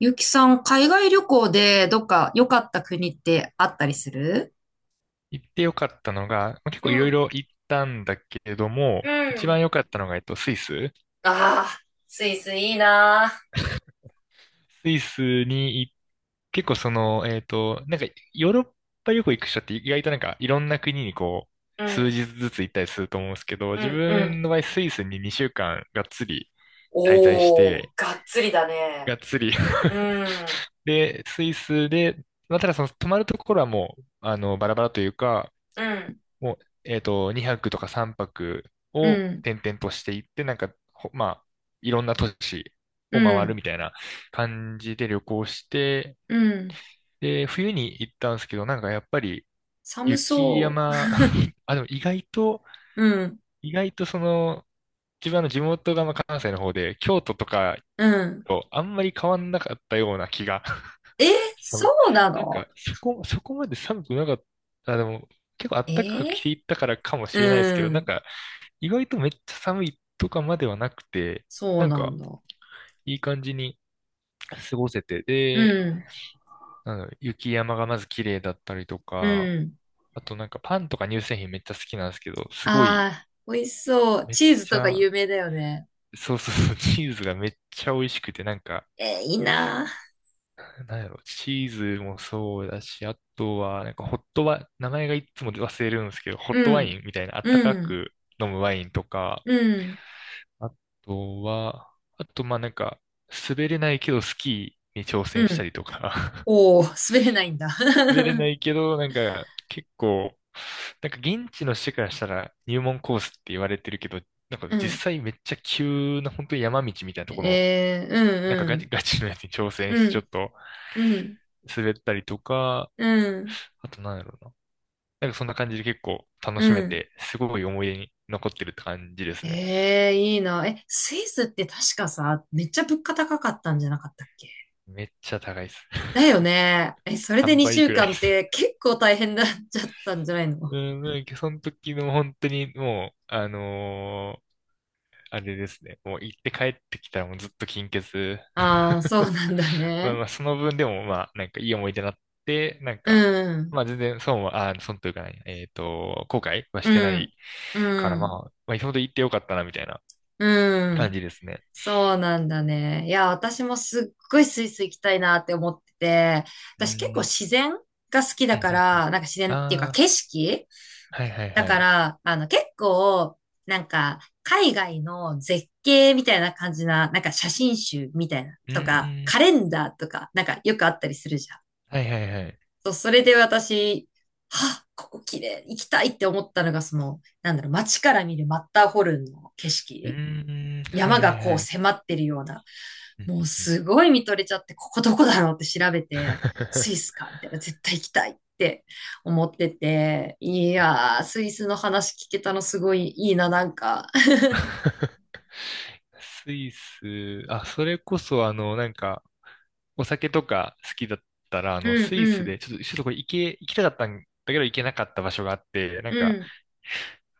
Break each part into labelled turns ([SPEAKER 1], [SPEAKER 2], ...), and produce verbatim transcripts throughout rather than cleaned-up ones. [SPEAKER 1] ゆきさん、海外旅行でどっか良かった国ってあったりする？
[SPEAKER 2] 行ってよかったのが、まあ結構
[SPEAKER 1] う
[SPEAKER 2] いろい
[SPEAKER 1] ん、
[SPEAKER 2] ろ行ったんだけれど
[SPEAKER 1] う
[SPEAKER 2] も、一番
[SPEAKER 1] ん。
[SPEAKER 2] 良かったのが、えっと、スイス。
[SPEAKER 1] ああ、スイスいいな
[SPEAKER 2] スイスに行っ結構その、えっと、なんか、ヨーロッパ旅行行く人って意外となんか、いろんな国にこ
[SPEAKER 1] ー。
[SPEAKER 2] う、
[SPEAKER 1] う
[SPEAKER 2] 数
[SPEAKER 1] ん、
[SPEAKER 2] 日ずつ行ったりすると思うんですけど、
[SPEAKER 1] う
[SPEAKER 2] 自
[SPEAKER 1] ん、うん。
[SPEAKER 2] 分の場合、スイスににしゅうかんがっつり滞在し
[SPEAKER 1] おー、
[SPEAKER 2] て、
[SPEAKER 1] がっつりだね。
[SPEAKER 2] がっつり
[SPEAKER 1] う ん、
[SPEAKER 2] で、スイスで、まあ、ただその泊まるところはもう、あの、バラバラというか、
[SPEAKER 1] うん。
[SPEAKER 2] もう、えっと、にはくとかさんぱく
[SPEAKER 1] う
[SPEAKER 2] を
[SPEAKER 1] ん、
[SPEAKER 2] 転々としていって、なんか、ほまあ、いろんな都市
[SPEAKER 1] う
[SPEAKER 2] を回る
[SPEAKER 1] ん、
[SPEAKER 2] みたいな感じで旅行して、
[SPEAKER 1] うん。
[SPEAKER 2] で、冬に行ったんですけど、なんかやっぱり
[SPEAKER 1] 寒
[SPEAKER 2] 雪
[SPEAKER 1] そ
[SPEAKER 2] 山、あ、でも意外と、
[SPEAKER 1] う。うん、
[SPEAKER 2] 意外とその、自分の地元がまあ関西の方で、京都とか
[SPEAKER 1] うん。
[SPEAKER 2] とあんまり変わんなかったような気が。
[SPEAKER 1] え、そ
[SPEAKER 2] そう
[SPEAKER 1] うな
[SPEAKER 2] なん
[SPEAKER 1] の？
[SPEAKER 2] か、そこ、そこまで寒くなかった。あ、でも、結構暖かく
[SPEAKER 1] え
[SPEAKER 2] 着ていったからかも
[SPEAKER 1] う
[SPEAKER 2] しれないですけど、なん
[SPEAKER 1] ん、
[SPEAKER 2] か、意外とめっちゃ寒いとかまではなくて、
[SPEAKER 1] そう
[SPEAKER 2] なん
[SPEAKER 1] なん
[SPEAKER 2] か
[SPEAKER 1] だ。
[SPEAKER 2] いい感じに過ごせて、
[SPEAKER 1] う
[SPEAKER 2] で、
[SPEAKER 1] ん、
[SPEAKER 2] なんだろう雪山がまず綺麗だったりと
[SPEAKER 1] う
[SPEAKER 2] か、
[SPEAKER 1] ん。
[SPEAKER 2] あとなんかパンとか乳製品めっちゃ好きなんですけど、すごい
[SPEAKER 1] ああ、美味しそう。
[SPEAKER 2] めっ
[SPEAKER 1] チーズ
[SPEAKER 2] ち
[SPEAKER 1] とか
[SPEAKER 2] ゃ、
[SPEAKER 1] 有名だよね。
[SPEAKER 2] そうそうそう、チーズがめっちゃ美味しくて、なんか、
[SPEAKER 1] えーいいなあ。
[SPEAKER 2] なんやろ、チーズもそうだし、あとは、なんかホットワ、名前がいつも忘れるんですけど、ホッ
[SPEAKER 1] う
[SPEAKER 2] トワ
[SPEAKER 1] ん。
[SPEAKER 2] インみたいなあった
[SPEAKER 1] う
[SPEAKER 2] か
[SPEAKER 1] ん。
[SPEAKER 2] く飲むワインとか、
[SPEAKER 1] うん。
[SPEAKER 2] あとは、あと、まあなんか、滑れないけどスキーに挑
[SPEAKER 1] う
[SPEAKER 2] 戦した
[SPEAKER 1] ん。
[SPEAKER 2] りとか
[SPEAKER 1] おー、滑れないんだ。
[SPEAKER 2] 滑れないけど、なんか、結構、なんか現地の人からしたら入門コースって言われてるけど、なんか
[SPEAKER 1] う
[SPEAKER 2] 実
[SPEAKER 1] ん。
[SPEAKER 2] 際めっちゃ急な本当に山道みたいなところの、
[SPEAKER 1] え
[SPEAKER 2] なんかガチ
[SPEAKER 1] ー、
[SPEAKER 2] ガチのやつに挑戦
[SPEAKER 1] うんうん。
[SPEAKER 2] して
[SPEAKER 1] う
[SPEAKER 2] ちょっ
[SPEAKER 1] ん。
[SPEAKER 2] と
[SPEAKER 1] うん。
[SPEAKER 2] 滑ったりとか、
[SPEAKER 1] うん。
[SPEAKER 2] あとなんだろうな。なんかそんな感じで結構楽し
[SPEAKER 1] う
[SPEAKER 2] め
[SPEAKER 1] ん。
[SPEAKER 2] て、すごい思い出に残ってるって感じですね。
[SPEAKER 1] えー、いいな。え、スイスって確かさ、めっちゃ物価高かったんじゃなかったっけ？
[SPEAKER 2] めっちゃ高いです。
[SPEAKER 1] だ よね。え、それで
[SPEAKER 2] 3
[SPEAKER 1] 2
[SPEAKER 2] 倍
[SPEAKER 1] 週
[SPEAKER 2] くらいで
[SPEAKER 1] 間っ
[SPEAKER 2] す。
[SPEAKER 1] て結構大変だっちゃったんじゃないの？
[SPEAKER 2] うん、なんかその時の本当にもう、あのーあれですね。もう行って帰ってきたらもうずっと金欠。
[SPEAKER 1] ああー、そう なんだ
[SPEAKER 2] まあ
[SPEAKER 1] ね。
[SPEAKER 2] まあ、その分でもまあ、なんかいい思い出になって、なん
[SPEAKER 1] う
[SPEAKER 2] か、
[SPEAKER 1] ん。
[SPEAKER 2] まあ全然損は、あ、損というかね、えっと、後悔はしてな
[SPEAKER 1] う
[SPEAKER 2] い
[SPEAKER 1] ん。う
[SPEAKER 2] からまあ、
[SPEAKER 1] ん。
[SPEAKER 2] まあ、今ほど行ってよかったなみたいな
[SPEAKER 1] う
[SPEAKER 2] 感
[SPEAKER 1] ん。
[SPEAKER 2] じですね。
[SPEAKER 1] そうなんだね。いや、私もすっごいスイス行きたいなって思ってて、
[SPEAKER 2] う
[SPEAKER 1] 私結構
[SPEAKER 2] ん。
[SPEAKER 1] 自然が好き
[SPEAKER 2] う
[SPEAKER 1] だ
[SPEAKER 2] ん
[SPEAKER 1] か
[SPEAKER 2] うんう
[SPEAKER 1] ら、
[SPEAKER 2] ん。
[SPEAKER 1] なんか自然っていうか
[SPEAKER 2] ああ、
[SPEAKER 1] 景色
[SPEAKER 2] はいはい
[SPEAKER 1] だ
[SPEAKER 2] は
[SPEAKER 1] か
[SPEAKER 2] い。
[SPEAKER 1] ら、あの結構、なんか海外の絶景みたいな感じな、なんか写真集みたいな
[SPEAKER 2] う
[SPEAKER 1] とか、
[SPEAKER 2] ー
[SPEAKER 1] カ
[SPEAKER 2] ん。
[SPEAKER 1] レンダーとか、なんかよくあったりするじゃん。
[SPEAKER 2] はいはいはい。
[SPEAKER 1] そう、それで私、はあ、ここ綺麗、行きたいって思ったのが、その、なんだろう、街から見るマッターホルンの景
[SPEAKER 2] う
[SPEAKER 1] 色。
[SPEAKER 2] ーん。はい
[SPEAKER 1] 山
[SPEAKER 2] は
[SPEAKER 1] が
[SPEAKER 2] い
[SPEAKER 1] こう
[SPEAKER 2] はい。
[SPEAKER 1] 迫ってるような、
[SPEAKER 2] うん
[SPEAKER 1] もう
[SPEAKER 2] うんうん。
[SPEAKER 1] すごい見とれちゃって、ここどこだろうって調べて、スイス かみたいな、絶対行きたいって思ってて、いやー、スイスの話聞けたのすごいいいな、なんか。
[SPEAKER 2] スイス、あ、それこそ、あの、なんか、お酒とか好きだったら、あの、
[SPEAKER 1] うん
[SPEAKER 2] スイ
[SPEAKER 1] う
[SPEAKER 2] ス
[SPEAKER 1] ん、
[SPEAKER 2] で、ちょっと、ちょっとこれ行け、行きたかったんだけど行けなかった場所があって、なん
[SPEAKER 1] う
[SPEAKER 2] か、
[SPEAKER 1] ん、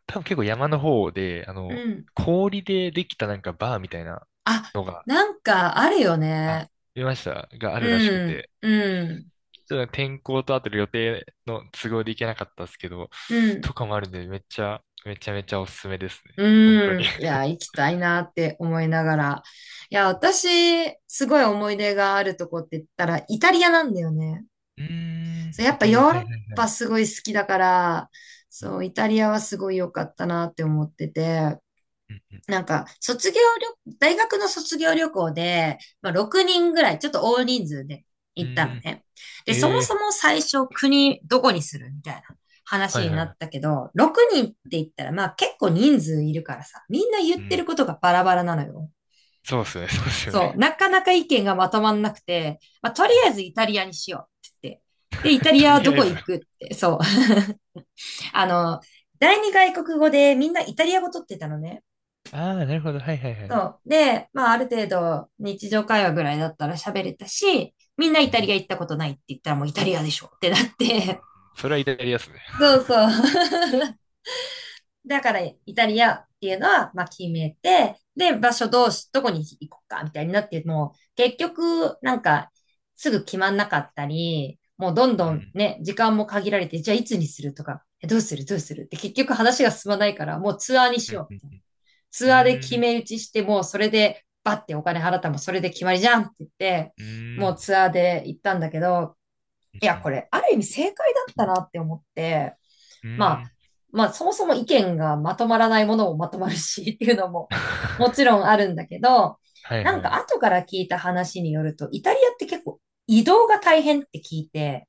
[SPEAKER 2] 多分結構山の方で、あ
[SPEAKER 1] う
[SPEAKER 2] の、
[SPEAKER 1] ん。
[SPEAKER 2] 氷でできたなんかバーみたいな
[SPEAKER 1] あ、
[SPEAKER 2] のが、
[SPEAKER 1] なんかあるよ
[SPEAKER 2] あ、
[SPEAKER 1] ね。
[SPEAKER 2] 見ました、があるらしく
[SPEAKER 1] うん、
[SPEAKER 2] て、
[SPEAKER 1] うん、
[SPEAKER 2] ちょっと天候とあと予定の都合で行けなかったですけど、
[SPEAKER 1] うん、
[SPEAKER 2] とかもあるんで、めっちゃ、めちゃめちゃおすすめですね。本当
[SPEAKER 1] う
[SPEAKER 2] に。
[SPEAKER 1] ん。い や、行きたいなって思いながら。いや、私、すごい思い出があるとこって言ったら、イタリアなんだよね。
[SPEAKER 2] うーん、
[SPEAKER 1] そう、やっ
[SPEAKER 2] イ
[SPEAKER 1] ぱ
[SPEAKER 2] タ
[SPEAKER 1] ヨ
[SPEAKER 2] リア、
[SPEAKER 1] ー
[SPEAKER 2] はい
[SPEAKER 1] ロッ
[SPEAKER 2] はいは
[SPEAKER 1] パ
[SPEAKER 2] い。
[SPEAKER 1] すごい好きだから、
[SPEAKER 2] うん
[SPEAKER 1] そう、イタリアはすごい良かったなって思ってて、
[SPEAKER 2] うんうん。
[SPEAKER 1] なんか、卒業旅、大学の卒業旅行で、まあ、ろくにんぐらい、ちょっと大人数で
[SPEAKER 2] う
[SPEAKER 1] 行ったの
[SPEAKER 2] ーん
[SPEAKER 1] ね。で、そも
[SPEAKER 2] え
[SPEAKER 1] そ
[SPEAKER 2] え
[SPEAKER 1] も最初国どこにするみたいな
[SPEAKER 2] は
[SPEAKER 1] 話
[SPEAKER 2] いは
[SPEAKER 1] に
[SPEAKER 2] い
[SPEAKER 1] な
[SPEAKER 2] は
[SPEAKER 1] っ
[SPEAKER 2] い。
[SPEAKER 1] たけど、ろくにんって言ったら、まあ結構人数いるからさ、みんな言
[SPEAKER 2] う
[SPEAKER 1] ってる
[SPEAKER 2] ん。
[SPEAKER 1] ことがバラバラなのよ。
[SPEAKER 2] そうっすね、そうっすよ
[SPEAKER 1] そう、
[SPEAKER 2] ね。
[SPEAKER 1] なかなか意見がまとまんなくて、まあとり
[SPEAKER 2] う
[SPEAKER 1] あ
[SPEAKER 2] ん
[SPEAKER 1] えずイタリアにしようって言って。で、イタ リ
[SPEAKER 2] と
[SPEAKER 1] アは
[SPEAKER 2] り
[SPEAKER 1] ど
[SPEAKER 2] あえ
[SPEAKER 1] こ
[SPEAKER 2] ず。
[SPEAKER 1] 行くって、そう、あの、第二外国語でみんなイタリア語取ってたのね。
[SPEAKER 2] ああ、なるほど。はいはいは
[SPEAKER 1] そ
[SPEAKER 2] い。
[SPEAKER 1] う。で、まあある程度日常会話ぐらいだったら喋れたし、みんな
[SPEAKER 2] う
[SPEAKER 1] イタリア
[SPEAKER 2] ん。
[SPEAKER 1] 行ったことないって言ったらもうイタリアでしょってなって。
[SPEAKER 2] それはイタリアっすね。
[SPEAKER 1] そうそう。だからイタリアっていうのは、まあ決めて、で、場所どうし、どこに行こうかみたいになって、もう結局なんかすぐ決まんなかったり、もうどん
[SPEAKER 2] う
[SPEAKER 1] どん
[SPEAKER 2] ん。
[SPEAKER 1] ね、時間も限られて、じゃあいつにするとか、えどうするどうするって結局話が進まないから、もうツアーにし
[SPEAKER 2] うん。
[SPEAKER 1] よう、
[SPEAKER 2] う
[SPEAKER 1] ツアーで決
[SPEAKER 2] ん。
[SPEAKER 1] め打ちしてもうそれでバッてお金払ったらもうそれで決まりじゃんって言って、
[SPEAKER 2] う
[SPEAKER 1] も
[SPEAKER 2] ん。
[SPEAKER 1] うツアーで行ったんだけど、
[SPEAKER 2] う
[SPEAKER 1] いや、こ
[SPEAKER 2] ん。
[SPEAKER 1] れある意味正解だったなって思って、
[SPEAKER 2] う
[SPEAKER 1] まあ、
[SPEAKER 2] ん
[SPEAKER 1] まあそもそも意見がまとまらないものもまとまるしっていうのももちろ んあるんだけど、
[SPEAKER 2] はい
[SPEAKER 1] なん
[SPEAKER 2] は
[SPEAKER 1] か
[SPEAKER 2] い。
[SPEAKER 1] 後から聞いた話によると、イタリアって結構移動が大変って聞いて、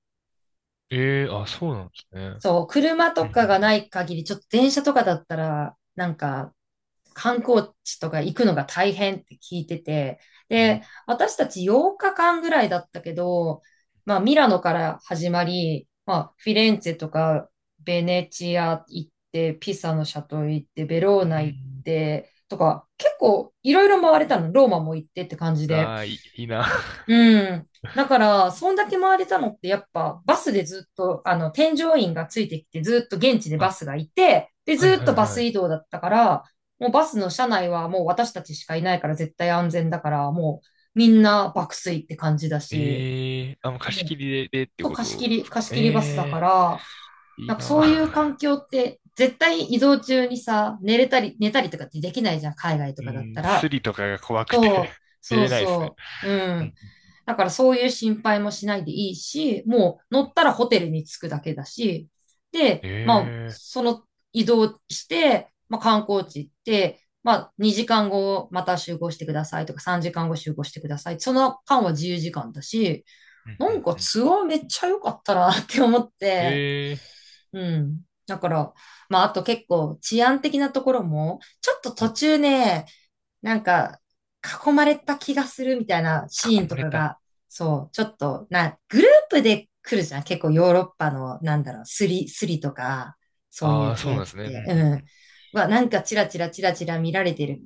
[SPEAKER 2] ええあ、そうなんですね。
[SPEAKER 1] そう、車
[SPEAKER 2] う
[SPEAKER 1] とかが
[SPEAKER 2] ん。
[SPEAKER 1] ない限り、ちょっと電車とかだったら、なんか、観光地とか行くのが大変って聞いてて、
[SPEAKER 2] うん
[SPEAKER 1] で、私たちはちにちかんぐらいだったけど、まあ、ミラノから始まり、まあ、フィレンツェとか、ベネチア行って、ピサのシャトル行って、ベロー
[SPEAKER 2] う
[SPEAKER 1] ナ行っ
[SPEAKER 2] ん
[SPEAKER 1] て、とか、結構いろいろ回れたの、ローマも行ってって感じで。
[SPEAKER 2] ああ、いい、いいな。
[SPEAKER 1] うん。だから、そんだけ回れたのって、やっぱ、バスでずっと、あの、添乗員がついてきて、ずっと現地でバ
[SPEAKER 2] あ、
[SPEAKER 1] スがいて、で、
[SPEAKER 2] はい
[SPEAKER 1] ずっ
[SPEAKER 2] はい
[SPEAKER 1] とバ
[SPEAKER 2] は
[SPEAKER 1] ス
[SPEAKER 2] い。
[SPEAKER 1] 移動だったから、もうバスの車内はもう私たちしかいないから絶対安全だから、もうみんな爆睡って感じだし、
[SPEAKER 2] ええあ、もう貸し
[SPEAKER 1] も
[SPEAKER 2] 切
[SPEAKER 1] う、
[SPEAKER 2] りで、でって
[SPEAKER 1] そう、
[SPEAKER 2] こ
[SPEAKER 1] 貸し切
[SPEAKER 2] と
[SPEAKER 1] り、
[SPEAKER 2] ですか。
[SPEAKER 1] 貸し
[SPEAKER 2] え
[SPEAKER 1] 切りバスだか
[SPEAKER 2] え
[SPEAKER 1] ら、
[SPEAKER 2] い
[SPEAKER 1] な
[SPEAKER 2] い
[SPEAKER 1] んかそ
[SPEAKER 2] な。
[SPEAKER 1] ういう環境って、絶対移動中にさ、寝れたり、寝たりとかってできないじゃん、海外 と
[SPEAKER 2] う
[SPEAKER 1] かだった
[SPEAKER 2] ん、ス
[SPEAKER 1] ら。
[SPEAKER 2] リとかが怖くて 出
[SPEAKER 1] そう
[SPEAKER 2] れないですね。
[SPEAKER 1] そう。う
[SPEAKER 2] う
[SPEAKER 1] ん。
[SPEAKER 2] ん
[SPEAKER 1] だからそういう心配もしないでいいし、もう乗ったらホテルに着くだけだし、で、まあ、
[SPEAKER 2] ええ
[SPEAKER 1] その移動して、まあ観光地行って、まあにじかんごまた集合してくださいとかさんじかんご集合してください。その間は自由時間だし、
[SPEAKER 2] うんう
[SPEAKER 1] なん
[SPEAKER 2] ん
[SPEAKER 1] か
[SPEAKER 2] うん。
[SPEAKER 1] ツアーめっちゃ良かったなって思って、
[SPEAKER 2] ええ
[SPEAKER 1] うん。だから、まああと結構治安的なところも、ちょっと
[SPEAKER 2] う
[SPEAKER 1] 途
[SPEAKER 2] ん。
[SPEAKER 1] 中ね、なんか、囲まれた気がするみたいなシー
[SPEAKER 2] 囲
[SPEAKER 1] ン
[SPEAKER 2] ま
[SPEAKER 1] と
[SPEAKER 2] れ
[SPEAKER 1] か
[SPEAKER 2] た。
[SPEAKER 1] が、そう、ちょっと、な、グループで来るじゃん。結構ヨーロッパの、なんだろう、スリ、スリとか、そうい
[SPEAKER 2] あ
[SPEAKER 1] う
[SPEAKER 2] あ、そう
[SPEAKER 1] 系
[SPEAKER 2] なん
[SPEAKER 1] っ
[SPEAKER 2] ですね。う
[SPEAKER 1] て、
[SPEAKER 2] ん
[SPEAKER 1] う
[SPEAKER 2] う
[SPEAKER 1] ん。
[SPEAKER 2] ん。
[SPEAKER 1] は、なんかチラチラチラチラ見られてる、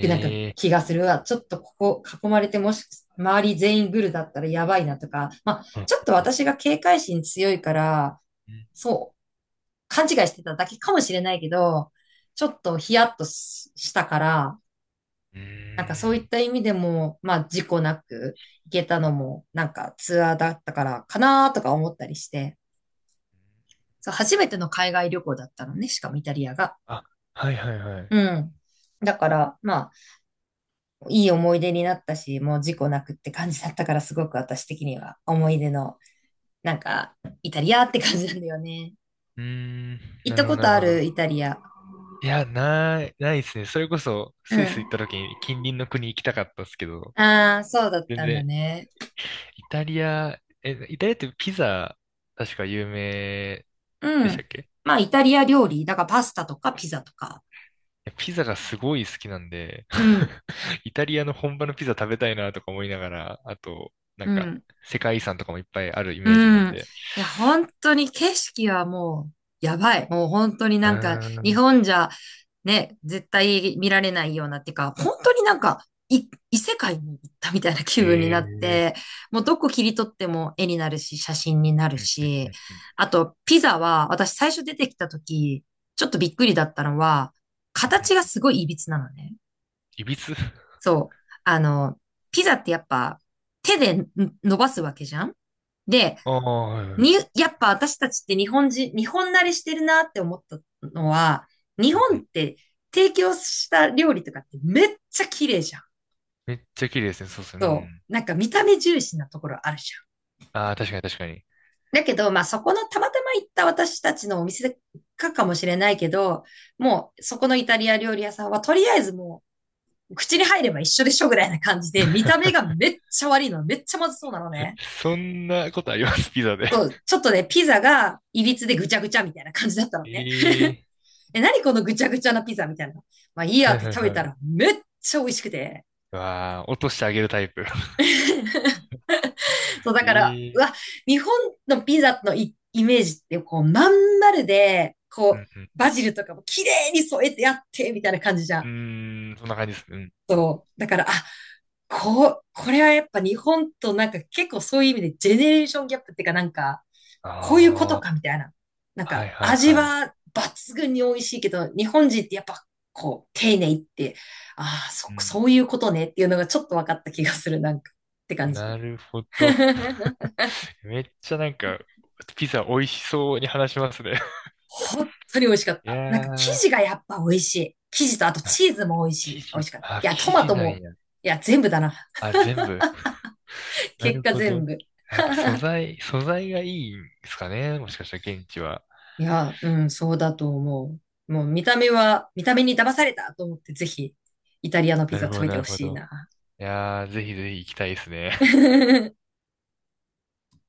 [SPEAKER 1] きなんか
[SPEAKER 2] え
[SPEAKER 1] 気がするわ。ちょっとここ囲まれて、もし、周り全員グルだったらやばいなとか、まあ、
[SPEAKER 2] うん
[SPEAKER 1] ちょっと
[SPEAKER 2] うん
[SPEAKER 1] 私が警戒心強いから、
[SPEAKER 2] うん。
[SPEAKER 1] そう、勘違いしてただけかもしれないけど、ちょっとヒヤッとししたから、
[SPEAKER 2] うー
[SPEAKER 1] なんかそういっ
[SPEAKER 2] ん
[SPEAKER 1] た意味でも、まあ事故なく行けたのも、なんかツアーだったからかなとか思ったりして、そう、初めての海外旅行だったのね、しかもイタリアが。
[SPEAKER 2] あ、はいはいはい。
[SPEAKER 1] うん。だから、まあ、いい思い出になったし、もう事故なくって感じだったから、すごく私的には思い出の、なんか、イタリアって感じなんだよね。
[SPEAKER 2] うーん。
[SPEAKER 1] 行っ
[SPEAKER 2] なる
[SPEAKER 1] た
[SPEAKER 2] ほど
[SPEAKER 1] こ
[SPEAKER 2] な
[SPEAKER 1] と
[SPEAKER 2] る
[SPEAKER 1] あ
[SPEAKER 2] ほ
[SPEAKER 1] る
[SPEAKER 2] ど。
[SPEAKER 1] イタリア。
[SPEAKER 2] いや、ない、ないですね。それこそ、
[SPEAKER 1] う
[SPEAKER 2] スイス
[SPEAKER 1] ん。
[SPEAKER 2] 行った時に近隣の国行きたかったですけど、
[SPEAKER 1] ああ、そうだっ
[SPEAKER 2] 全
[SPEAKER 1] たんだ
[SPEAKER 2] 然、
[SPEAKER 1] ね。
[SPEAKER 2] イタリア、え、イタリアってピザ、確か有名
[SPEAKER 1] う
[SPEAKER 2] でした
[SPEAKER 1] ん。
[SPEAKER 2] っけ？
[SPEAKER 1] まあ、イタリア料理、だからパスタとかピザとか。
[SPEAKER 2] いやピザがすごい好きなんで、
[SPEAKER 1] うん。
[SPEAKER 2] イタリアの本場のピザ食べたいなとか思いながら、あと、な
[SPEAKER 1] う
[SPEAKER 2] んか、
[SPEAKER 1] ん。
[SPEAKER 2] 世界遺産とかもいっぱいあるイ
[SPEAKER 1] う
[SPEAKER 2] メージなん
[SPEAKER 1] ん。い
[SPEAKER 2] で。
[SPEAKER 1] や、本当に景色はもう、やばい。もう本当に
[SPEAKER 2] う
[SPEAKER 1] なんか、
[SPEAKER 2] ー
[SPEAKER 1] 日
[SPEAKER 2] ん。
[SPEAKER 1] 本じゃ、ね、絶対見られないようなっていうか、本当になんか、い異世界に行ったみたいな気
[SPEAKER 2] え
[SPEAKER 1] 分になっ
[SPEAKER 2] え
[SPEAKER 1] て、もうどこ切り取っても絵になるし、写真になる
[SPEAKER 2] ー。うんうんう
[SPEAKER 1] し、
[SPEAKER 2] んうん
[SPEAKER 1] あと、ピザは、私最初出てきた時、ちょっとびっくりだったのは、
[SPEAKER 2] うん
[SPEAKER 1] 形が
[SPEAKER 2] うん
[SPEAKER 1] すごい歪なのね。
[SPEAKER 2] いびつ
[SPEAKER 1] そう。あの、ピザってやっぱ、手でん伸ばすわけじゃん
[SPEAKER 2] あ あー、はいは
[SPEAKER 1] に、
[SPEAKER 2] い
[SPEAKER 1] やっぱ私たちって日本人、日本慣れしてるなって思ったのは、日
[SPEAKER 2] うんう
[SPEAKER 1] 本っ
[SPEAKER 2] ん
[SPEAKER 1] て提供した料理とかってめっちゃ綺麗じゃん。
[SPEAKER 2] めっちゃ綺麗ですね。そうですね。う
[SPEAKER 1] そ
[SPEAKER 2] ん。
[SPEAKER 1] う。なんか見た目重視なところあるじ
[SPEAKER 2] ああ、確かに確かに。
[SPEAKER 1] ゃん。だけど、まあそこのたまたま行った私たちのお店かかもしれないけど、もうそこのイタリア料理屋さんはとりあえずもう口に入れば一緒でしょぐらいな感じで、見た目 がめっちゃ悪いの、めっちゃまずそうなのね。
[SPEAKER 2] そんなことあります、ピザで。
[SPEAKER 1] そ う、ちょっとね、ピザがいびつでぐちゃぐちゃみたいな感じだったのね。
[SPEAKER 2] ええ
[SPEAKER 1] え、何このぐちゃぐちゃなピザみたいな。まあいい
[SPEAKER 2] ー。
[SPEAKER 1] や
[SPEAKER 2] は
[SPEAKER 1] っ
[SPEAKER 2] い
[SPEAKER 1] て
[SPEAKER 2] はい
[SPEAKER 1] 食べ
[SPEAKER 2] はい。
[SPEAKER 1] た
[SPEAKER 2] う
[SPEAKER 1] らめっちゃ美味しくて。
[SPEAKER 2] わあ、落としてあげるタイプ。
[SPEAKER 1] そう、だ
[SPEAKER 2] え
[SPEAKER 1] から、う
[SPEAKER 2] え
[SPEAKER 1] わ、
[SPEAKER 2] ー。
[SPEAKER 1] 日本のピザのイ、イメージってこうまん丸で、
[SPEAKER 2] う
[SPEAKER 1] こう、
[SPEAKER 2] んう
[SPEAKER 1] バ
[SPEAKER 2] ん
[SPEAKER 1] ジルとかも綺麗に添えてやって、みたいな感じじゃ
[SPEAKER 2] う
[SPEAKER 1] ん。
[SPEAKER 2] ん。うーん、そんな感じですね。うんうん。
[SPEAKER 1] そう。だから、あ、こう、これはやっぱ日本となんか結構そういう意味でジェネレーションギャップっていうかなんか、こういうこと
[SPEAKER 2] ああ。
[SPEAKER 1] かみたいな。なん
[SPEAKER 2] はい
[SPEAKER 1] か
[SPEAKER 2] はい
[SPEAKER 1] 味
[SPEAKER 2] はい。
[SPEAKER 1] は抜群に美味しいけど、日本人ってやっぱこう丁寧って、ああ、そ、
[SPEAKER 2] うん。
[SPEAKER 1] そういうことねっていうのがちょっと分かった気がする、なんかって感じ
[SPEAKER 2] な
[SPEAKER 1] で。
[SPEAKER 2] るほど。めっちゃなんか、ピザ美味しそうに話しますね。
[SPEAKER 1] 本当に美味しかっ
[SPEAKER 2] い
[SPEAKER 1] た。なんか生
[SPEAKER 2] や
[SPEAKER 1] 地
[SPEAKER 2] ー、
[SPEAKER 1] がやっぱ美味しい。生地とあと
[SPEAKER 2] あ
[SPEAKER 1] チーズも美味し
[SPEAKER 2] 生
[SPEAKER 1] い。美味
[SPEAKER 2] 地、
[SPEAKER 1] しかった。い
[SPEAKER 2] あ、
[SPEAKER 1] や、ト
[SPEAKER 2] 生
[SPEAKER 1] マ
[SPEAKER 2] 地
[SPEAKER 1] ト
[SPEAKER 2] なん
[SPEAKER 1] も、
[SPEAKER 2] や。
[SPEAKER 1] いや、全部だな。
[SPEAKER 2] あ、全部。な
[SPEAKER 1] 結
[SPEAKER 2] る
[SPEAKER 1] 果
[SPEAKER 2] ほ
[SPEAKER 1] 全
[SPEAKER 2] ど。
[SPEAKER 1] 部。
[SPEAKER 2] やっぱ素材、素材がいいんですかね。もしかしたら現地は。
[SPEAKER 1] いや、うん、そうだと思う。もう見た目は、見た目に騙されたと思って、ぜひ、イタリアのピ
[SPEAKER 2] な
[SPEAKER 1] ザ
[SPEAKER 2] るほ
[SPEAKER 1] 食
[SPEAKER 2] ど、
[SPEAKER 1] べて
[SPEAKER 2] な
[SPEAKER 1] ほ
[SPEAKER 2] るほ
[SPEAKER 1] しい
[SPEAKER 2] ど。
[SPEAKER 1] な。
[SPEAKER 2] いやー、ぜひぜひ行きたいですね。